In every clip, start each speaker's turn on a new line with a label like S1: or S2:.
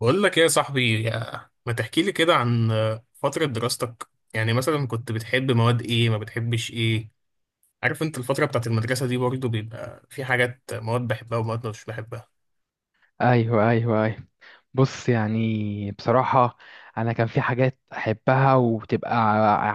S1: بقول لك ايه يا صاحبي ما تحكي لي كده عن فترة دراستك يعني مثلا كنت بتحب مواد ايه ما بتحبش ايه؟ عارف انت الفترة بتاعت المدرسة دي برضو بيبقى في حاجات مواد بحبها ومواد مش بحبها.
S2: ايوه، ايوه، ايوه. بص، يعني بصراحة، انا كان في حاجات احبها وتبقى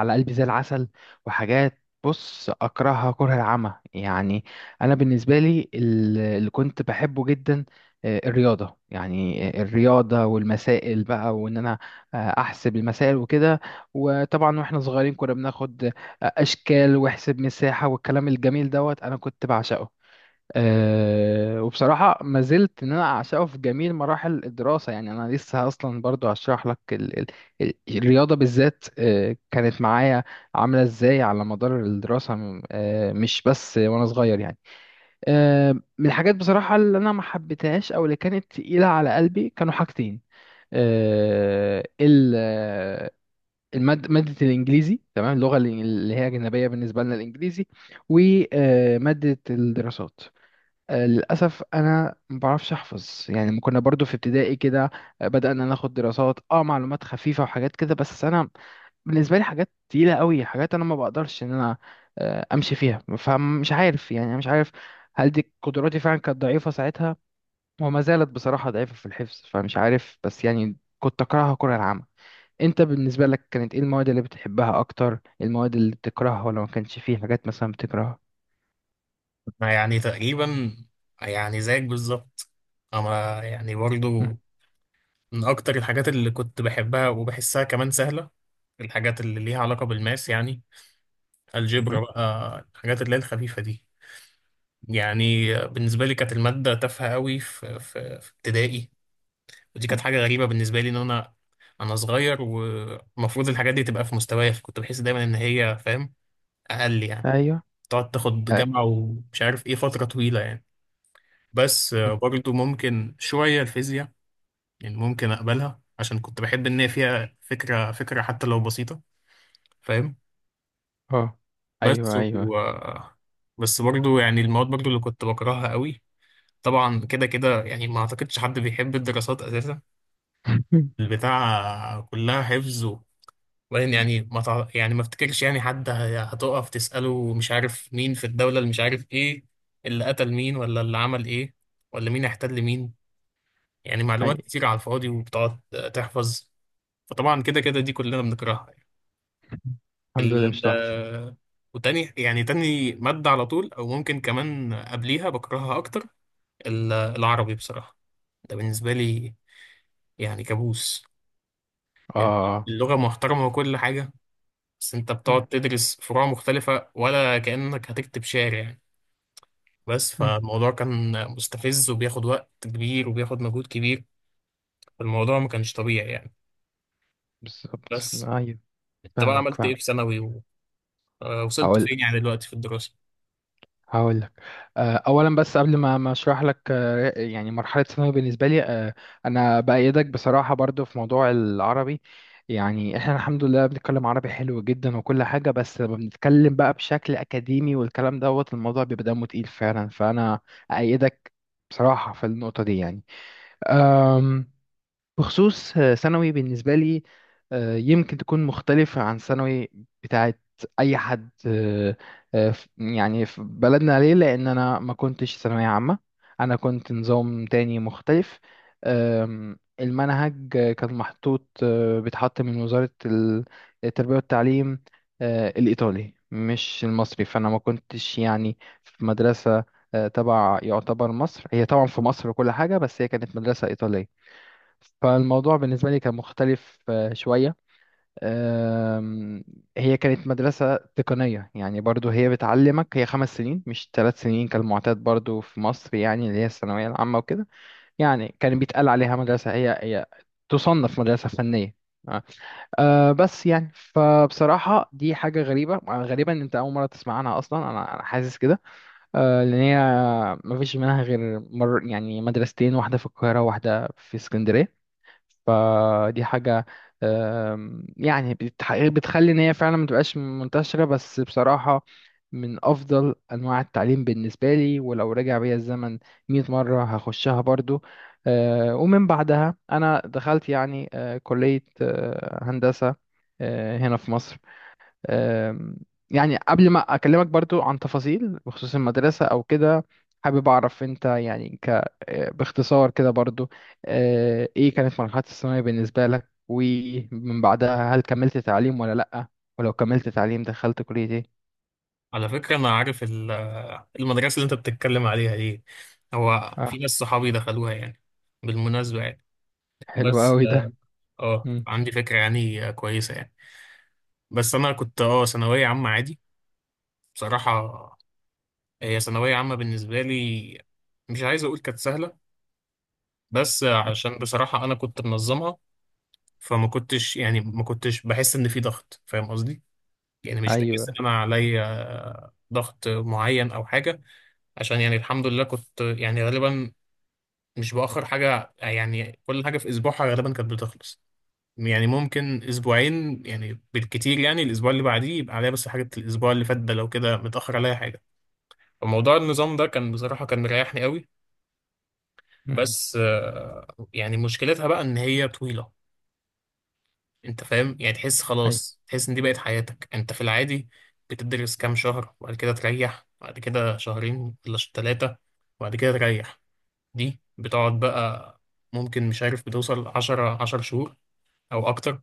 S2: على قلبي زي العسل، وحاجات بص اكرهها كره العمى يعني. انا بالنسبة لي اللي كنت بحبه جدا، الرياضة، يعني الرياضة والمسائل بقى وان انا احسب المسائل وكده. وطبعا واحنا صغيرين كنا بناخد اشكال واحسب مساحة والكلام الجميل دوت، انا كنت بعشقه. وبصراحة ما زلت إن أنا أعشقه في جميع مراحل الدراسة. يعني أنا لسه أصلا برضو هشرح لك ال الرياضة بالذات كانت معايا عاملة إزاي على مدار الدراسة، م- أه مش بس وأنا صغير يعني. أه من الحاجات بصراحة اللي أنا ما حبيتهاش أو اللي كانت تقيلة على قلبي كانوا حاجتين. أه ال آه، المادة، مادة الإنجليزي، تمام، اللغة اللي هي أجنبية بالنسبة لنا الإنجليزي، ومادة الدراسات. للأسف أنا ما بعرفش أحفظ. يعني ما كنا برضو في ابتدائي كده بدأنا ناخد دراسات، معلومات خفيفة وحاجات كده، بس أنا بالنسبة لي حاجات تقيلة قوي. حاجات أنا ما بقدرش إن أنا أمشي فيها، فمش عارف يعني. أنا مش عارف هل دي قدراتي فعلا كانت ضعيفة ساعتها وما زالت بصراحة ضعيفة في الحفظ، فمش عارف، بس يعني كنت أكرهها كره العامة. أنت بالنسبة لك كانت إيه المواد اللي بتحبها أكتر، المواد اللي بتكرهها، ولا ما كانش فيه حاجات مثلا بتكرهها؟
S1: أنا يعني تقريبا يعني زيك بالظبط، اما يعني برضو من اكتر الحاجات اللي كنت بحبها وبحسها كمان سهلة، الحاجات اللي ليها علاقة بالماس يعني
S2: مهم.
S1: الجبر بقى الحاجات اللي هي الخفيفة دي. يعني بالنسبة لي كانت المادة تافهة قوي في ابتدائي، ودي كانت حاجة غريبة بالنسبة لي إن أنا صغير والمفروض الحاجات دي تبقى في مستوايا، فكنت بحس دايما إن هي فاهم أقل يعني،
S2: أيوه،
S1: تقعد تاخد
S2: أيوه،
S1: جامعة ومش عارف إيه فترة طويلة يعني. بس برضو ممكن شوية الفيزياء، يعني ممكن أقبلها عشان كنت بحب إن هي فيها فكرة فكرة حتى لو بسيطة، فاهم.
S2: اه،
S1: بس
S2: ايوه،
S1: و...
S2: ايوه.
S1: آه، بس برضو يعني المواد برضو اللي كنت بكرهها قوي، طبعا كده كده يعني ما أعتقدش حد بيحب الدراسات أساسا، البتاع كلها حفظ، لان يعني ما تع... يعني ما افتكرش يعني حد هتقف تسأله مش عارف مين في الدولة اللي مش عارف ايه، اللي قتل مين ولا اللي عمل ايه، ولا مين احتل مين، يعني
S2: اي.
S1: معلومات كتير على الفاضي وبتقعد تحفظ، فطبعا كده كده دي كلنا بنكرهها يعني.
S2: الحمد لله
S1: ال...
S2: مش لوحدي.
S1: آه، وتاني يعني تاني مادة على طول او ممكن كمان قبليها بكرهها اكتر، العربي بصراحة، ده بالنسبة لي يعني كابوس يعني،
S2: اه.
S1: اللغة محترمة وكل حاجة بس انت
S2: مم.
S1: بتقعد تدرس فروع مختلفة ولا كأنك هتكتب شعر يعني، بس
S2: مم.
S1: فالموضوع كان مستفز وبياخد وقت كبير وبياخد مجهود كبير، فالموضوع ما كانش طبيعي يعني.
S2: بالظبط،
S1: بس
S2: ايوه.
S1: انت بقى
S2: فاهمك
S1: عملت ايه
S2: فاهمك.
S1: في ثانوي ووصلت
S2: هقول
S1: فين يعني دلوقتي في الدراسة؟
S2: هقول لك اولا، بس قبل ما اشرح لك يعني مرحله ثانوي بالنسبه لي، انا بايدك بصراحه برضو في موضوع العربي. يعني احنا الحمد لله بنتكلم عربي حلو جدا وكل حاجه، بس لما بنتكلم بقى بشكل اكاديمي والكلام دوت، الموضوع بيبقى دمه تقيل فعلا. فانا ايدك بصراحه في النقطه دي. يعني بخصوص ثانوي بالنسبة لي، يمكن تكون مختلفة عن ثانوي بتاعت أي حد. يعني في بلدنا، ليه، لأن أنا ما كنتش ثانوية عامة. أنا كنت نظام تاني مختلف. المنهج كان محطوط، بيتحط من وزارة التربية والتعليم الإيطالي، مش المصري. فأنا ما كنتش يعني في مدرسة تبع، يعتبر مصر، هي طبعا في مصر وكل حاجة، بس هي كانت مدرسة إيطالية. فالموضوع بالنسبة لي كان مختلف شوية. آم، هي كانت مدرسة تقنية، يعني برضو هي بتعلمك، هي 5 سنين مش 3 سنين كالمعتاد برضو في مصر، يعني اللي هي الثانوية العامة وكده. يعني كان بيتقال عليها مدرسة هي تصنف مدرسة فنية. آه، بس يعني فبصراحة دي حاجة غريبة، غريبة إن أنت أول مرة تسمع عنها أصلا. أنا حاسس كده لأن هي مفيش منها غير يعني مدرستين، واحدة في القاهرة وواحدة في اسكندرية. فدي حاجة يعني بتخلي إن هي فعلا متبقاش منتشرة. بس بصراحة من أفضل أنواع التعليم بالنسبة لي، ولو رجع بيا الزمن 100 مرة هخشها برضو. ومن بعدها أنا دخلت يعني كلية هندسة هنا في مصر. آم، يعني قبل ما أكلمك برضو عن تفاصيل بخصوص المدرسة أو كده، حابب أعرف أنت يعني ك آه، باختصار كده برضو، إيه كانت مرحلة الثانوية بالنسبة لك، ومن بعدها هل كملت تعليم ولا لأ؟ ولو كملت تعليم دخلت كلية إيه؟
S1: على فكرة انا عارف المدرسة اللي انت بتتكلم عليها دي، هو
S2: آه
S1: في ناس صحابي دخلوها يعني، بالمناسبة يعني.
S2: حلو
S1: بس
S2: أوي ده.
S1: اه
S2: مم.
S1: عندي فكرة يعني كويسة يعني. بس انا كنت ثانوية عامة عادي، بصراحة هي ثانوية عامة بالنسبة لي، مش عايز أقول كانت سهلة بس
S2: مم.
S1: عشان بصراحة أنا كنت منظمها، فما كنتش يعني ما كنتش بحس إن في ضغط، فاهم قصدي؟ يعني مش بحس إن
S2: أيوه.
S1: أنا عليا ضغط معين أو حاجة، عشان يعني الحمد لله كنت يعني غالبا مش بأخر حاجة، يعني كل حاجة في أسبوعها غالبا كانت بتخلص، يعني ممكن أسبوعين يعني بالكتير يعني الأسبوع اللي بعديه يبقى عليا بس حاجة الأسبوع اللي فات ده لو كده متأخر عليا حاجة، فموضوع النظام ده كان بصراحة كان مريحني قوي.
S2: مم.
S1: بس يعني مشكلتها بقى ان هي طويلة، انت فاهم يعني تحس
S2: أيوه.
S1: خلاص تحس ان دي بقت حياتك انت في العادي، بتدرس كام شهر وبعد كده تريح وبعد كده شهرين ولا ثلاثة وبعد كده تريح، دي بتقعد بقى ممكن مش عارف بتوصل 10 شهور او اكتر،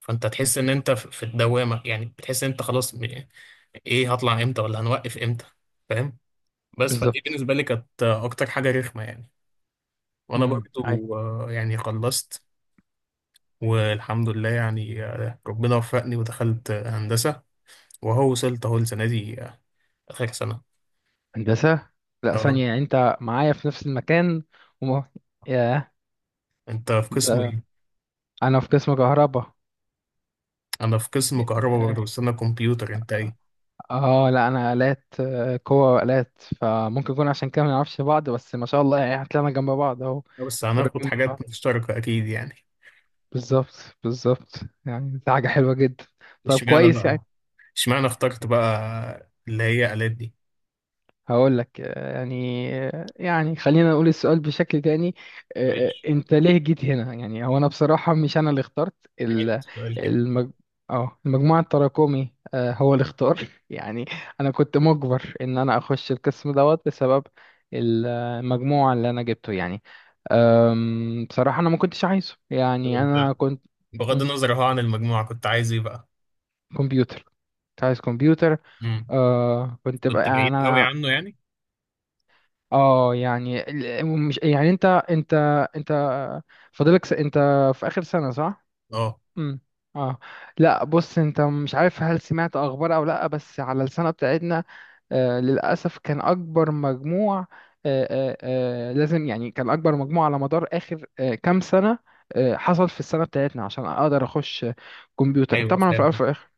S1: فانت
S2: مم.
S1: تحس ان انت في الدوامة يعني بتحس ان انت خلاص ايه هطلع امتى ولا هنوقف امتى، فاهم. بس فدي
S2: بالظبط.
S1: بالنسبة لي كانت اكتر حاجة رخمة يعني، وانا
S2: مم. أيوه.
S1: برضو يعني خلصت والحمد لله يعني ربنا وفقني ودخلت هندسة، وهو وصلت اهو السنة دي آخر سنة.
S2: هندسة. لأ،
S1: اه
S2: ثانية. يعني أنت معايا في نفس المكان. وما ياه
S1: انت في قسم
S2: ده.
S1: ايه؟
S2: أنا في قسم كهرباء.
S1: انا في قسم كهرباء برضه بس انا كمبيوتر، انت ايه؟
S2: اه لا، انا آلات، قوة وآلات. فممكن يكون عشان كده ما نعرفش بعض، بس ما شاء الله يعني هتلاقينا جنب بعض اهو.
S1: بس هناخد
S2: قريبين من بعض.
S1: حاجات مشتركة اكيد يعني.
S2: بالظبط بالظبط. يعني دي حاجة حلوة جدا. طب
S1: اشمعنى
S2: كويس.
S1: بقى اشمعنى اخترت بقى اللي هي آلات دي؟
S2: هقول لك يعني خلينا نقول السؤال بشكل تاني.
S1: ماشي،
S2: انت ليه جيت هنا؟ يعني هو انا بصراحة مش انا اللي اخترت.
S1: حلو
S2: ال-
S1: السؤال كده.
S2: المج... اه المجموعة التراكمي هو اللي اختار يعني. انا كنت مجبر ان انا اخش القسم دوت بسبب المجموعة اللي انا جبته يعني. بصراحة انا ما كنتش عايزه.
S1: طب
S2: يعني
S1: انت
S2: انا كنت
S1: بغض
S2: مم،
S1: النظر اهو عن المجموعة كنت عايز ايه بقى؟
S2: كمبيوتر. كنت عايز كمبيوتر.
S1: امم،
S2: كنت بقى
S1: كنت
S2: يعني
S1: بعيد قوي
S2: انا
S1: عنه يعني؟
S2: اه يعني مش يعني انت انت انت في اخر سنة، صح؟
S1: اه
S2: امم. اه. لا بص، انت مش عارف هل سمعت اخبار او لا، بس على السنة بتاعتنا للاسف كان اكبر مجموع. آه لازم، يعني كان اكبر مجموع على مدار اخر كام سنة حصل في السنة بتاعتنا، عشان اقدر اخش كمبيوتر،
S1: ايوه
S2: طبعا في
S1: فاهم.
S2: الاول وفي الاخر.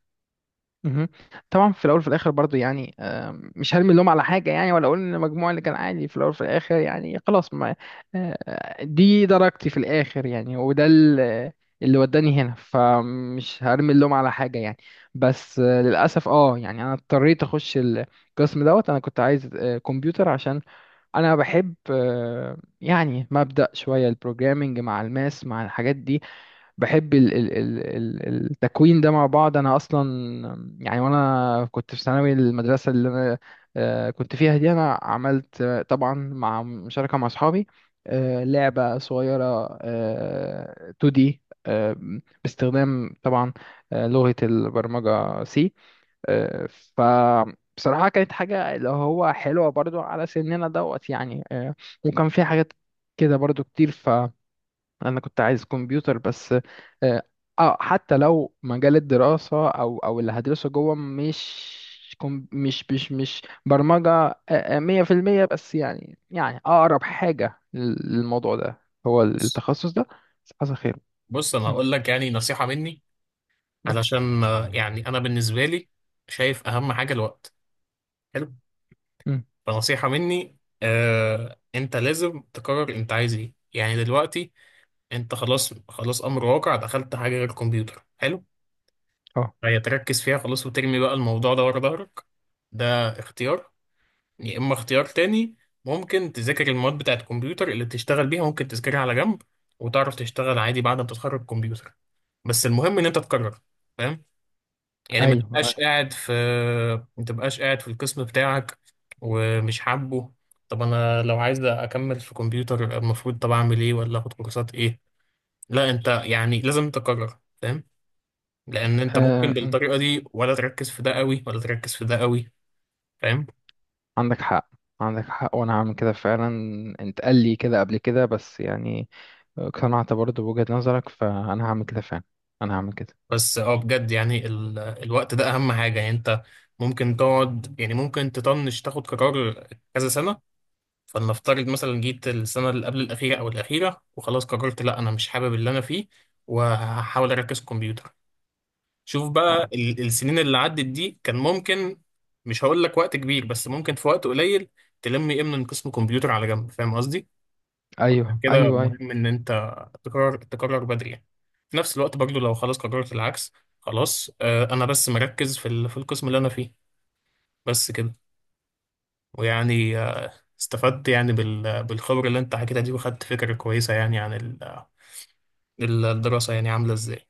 S2: مهم. طبعا في الاول وفي الاخر برضو يعني، مش هرمي اللوم على حاجه، يعني ولا اقول ان المجموع اللي كان عالي في الاول وفي الاخر يعني خلاص. ما دي درجتي في الاخر، يعني وده اللي وداني هنا، فمش هرمي اللوم على حاجه يعني. بس للاسف، يعني انا اضطريت اخش القسم دوت. انا كنت عايز كمبيوتر، عشان انا بحب يعني مبدأ شويه البروجرامينج مع الماس مع الحاجات دي. بحب التكوين ده مع بعض. انا اصلا يعني وانا كنت في ثانوي، المدرسه اللي انا كنت فيها دي، انا عملت طبعا مع مشاركه مع اصحابي لعبه صغيره 2D باستخدام طبعا لغه البرمجه سي. آه، فبصراحه كانت حاجه اللي هو حلوه برضو على سننا دوت يعني. وكان في حاجات كده برضو كتير. انا كنت عايز كمبيوتر بس. آه حتى لو مجال الدراسة او اللي هدرسه جوه مش كم مش مش مش برمجة 100%، بس يعني اقرب حاجة للموضوع ده هو
S1: بص
S2: التخصص ده. بس حصل خير.
S1: بص انا
S2: مم،
S1: هقول لك يعني نصيحة مني،
S2: قولي.
S1: علشان يعني انا بالنسبه لي شايف اهم حاجه الوقت، حلو.
S2: مم.
S1: فنصيحه مني انت لازم تقرر انت عايز ايه يعني دلوقتي، انت خلاص خلاص امر واقع دخلت حاجه غير الكمبيوتر حلو،
S2: اه.
S1: فهي تركز فيها خلاص وترمي بقى الموضوع ده ورا ظهرك، ده اختيار. يا اما اختيار تاني، ممكن تذاكر المواد بتاعت الكمبيوتر اللي بتشتغل بيها ممكن تذاكرها على جنب وتعرف تشتغل عادي بعد ما تتخرج كمبيوتر، بس المهم ان انت تقرر، فاهم يعني ما
S2: ايوه.
S1: تبقاش
S2: آه.
S1: قاعد في ما تبقاش قاعد في القسم بتاعك ومش حابه. طب انا لو عايز اكمل في كمبيوتر المفروض طب اعمل ايه ولا اخد كورسات ايه، لا انت يعني لازم تقرر، فاهم، لان انت ممكن
S2: مم.
S1: بالطريقه دي ولا تركز في ده قوي ولا تركز في ده قوي، فاهم.
S2: عندك حق، عندك حق. وانا هعمل كده فعلا. انت قال لي كده قبل كده، بس يعني اقتنعت برضه بوجهة نظرك، فانا هعمل كده فعلا. انا هعمل كده.
S1: بس اه بجد يعني الوقت ده اهم حاجه يعني، انت ممكن تقعد يعني ممكن تطنش تاخد قرار كذا سنه، فلنفترض مثلا جيت السنة اللي قبل الأخيرة أو الأخيرة وخلاص قررت لأ أنا مش حابب اللي أنا فيه، وهحاول أركز كمبيوتر. شوف بقى السنين اللي عدت دي كان ممكن مش هقول لك وقت كبير بس ممكن في وقت قليل تلم إيه من قسم كمبيوتر على جنب، فاهم قصدي؟
S2: ايوه،
S1: عشان كده
S2: ايوه، أيوه.
S1: مهم إن أنت تقرر تقرر بدري يعني. في نفس الوقت برضو لو خلاص قررت العكس، خلاص آه أنا بس مركز في القسم اللي أنا فيه، بس كده. ويعني استفدت يعني بالخبرة اللي انت حكيتها دي وخدت فكرة كويسة يعني عن الدراسة يعني عاملة ازاي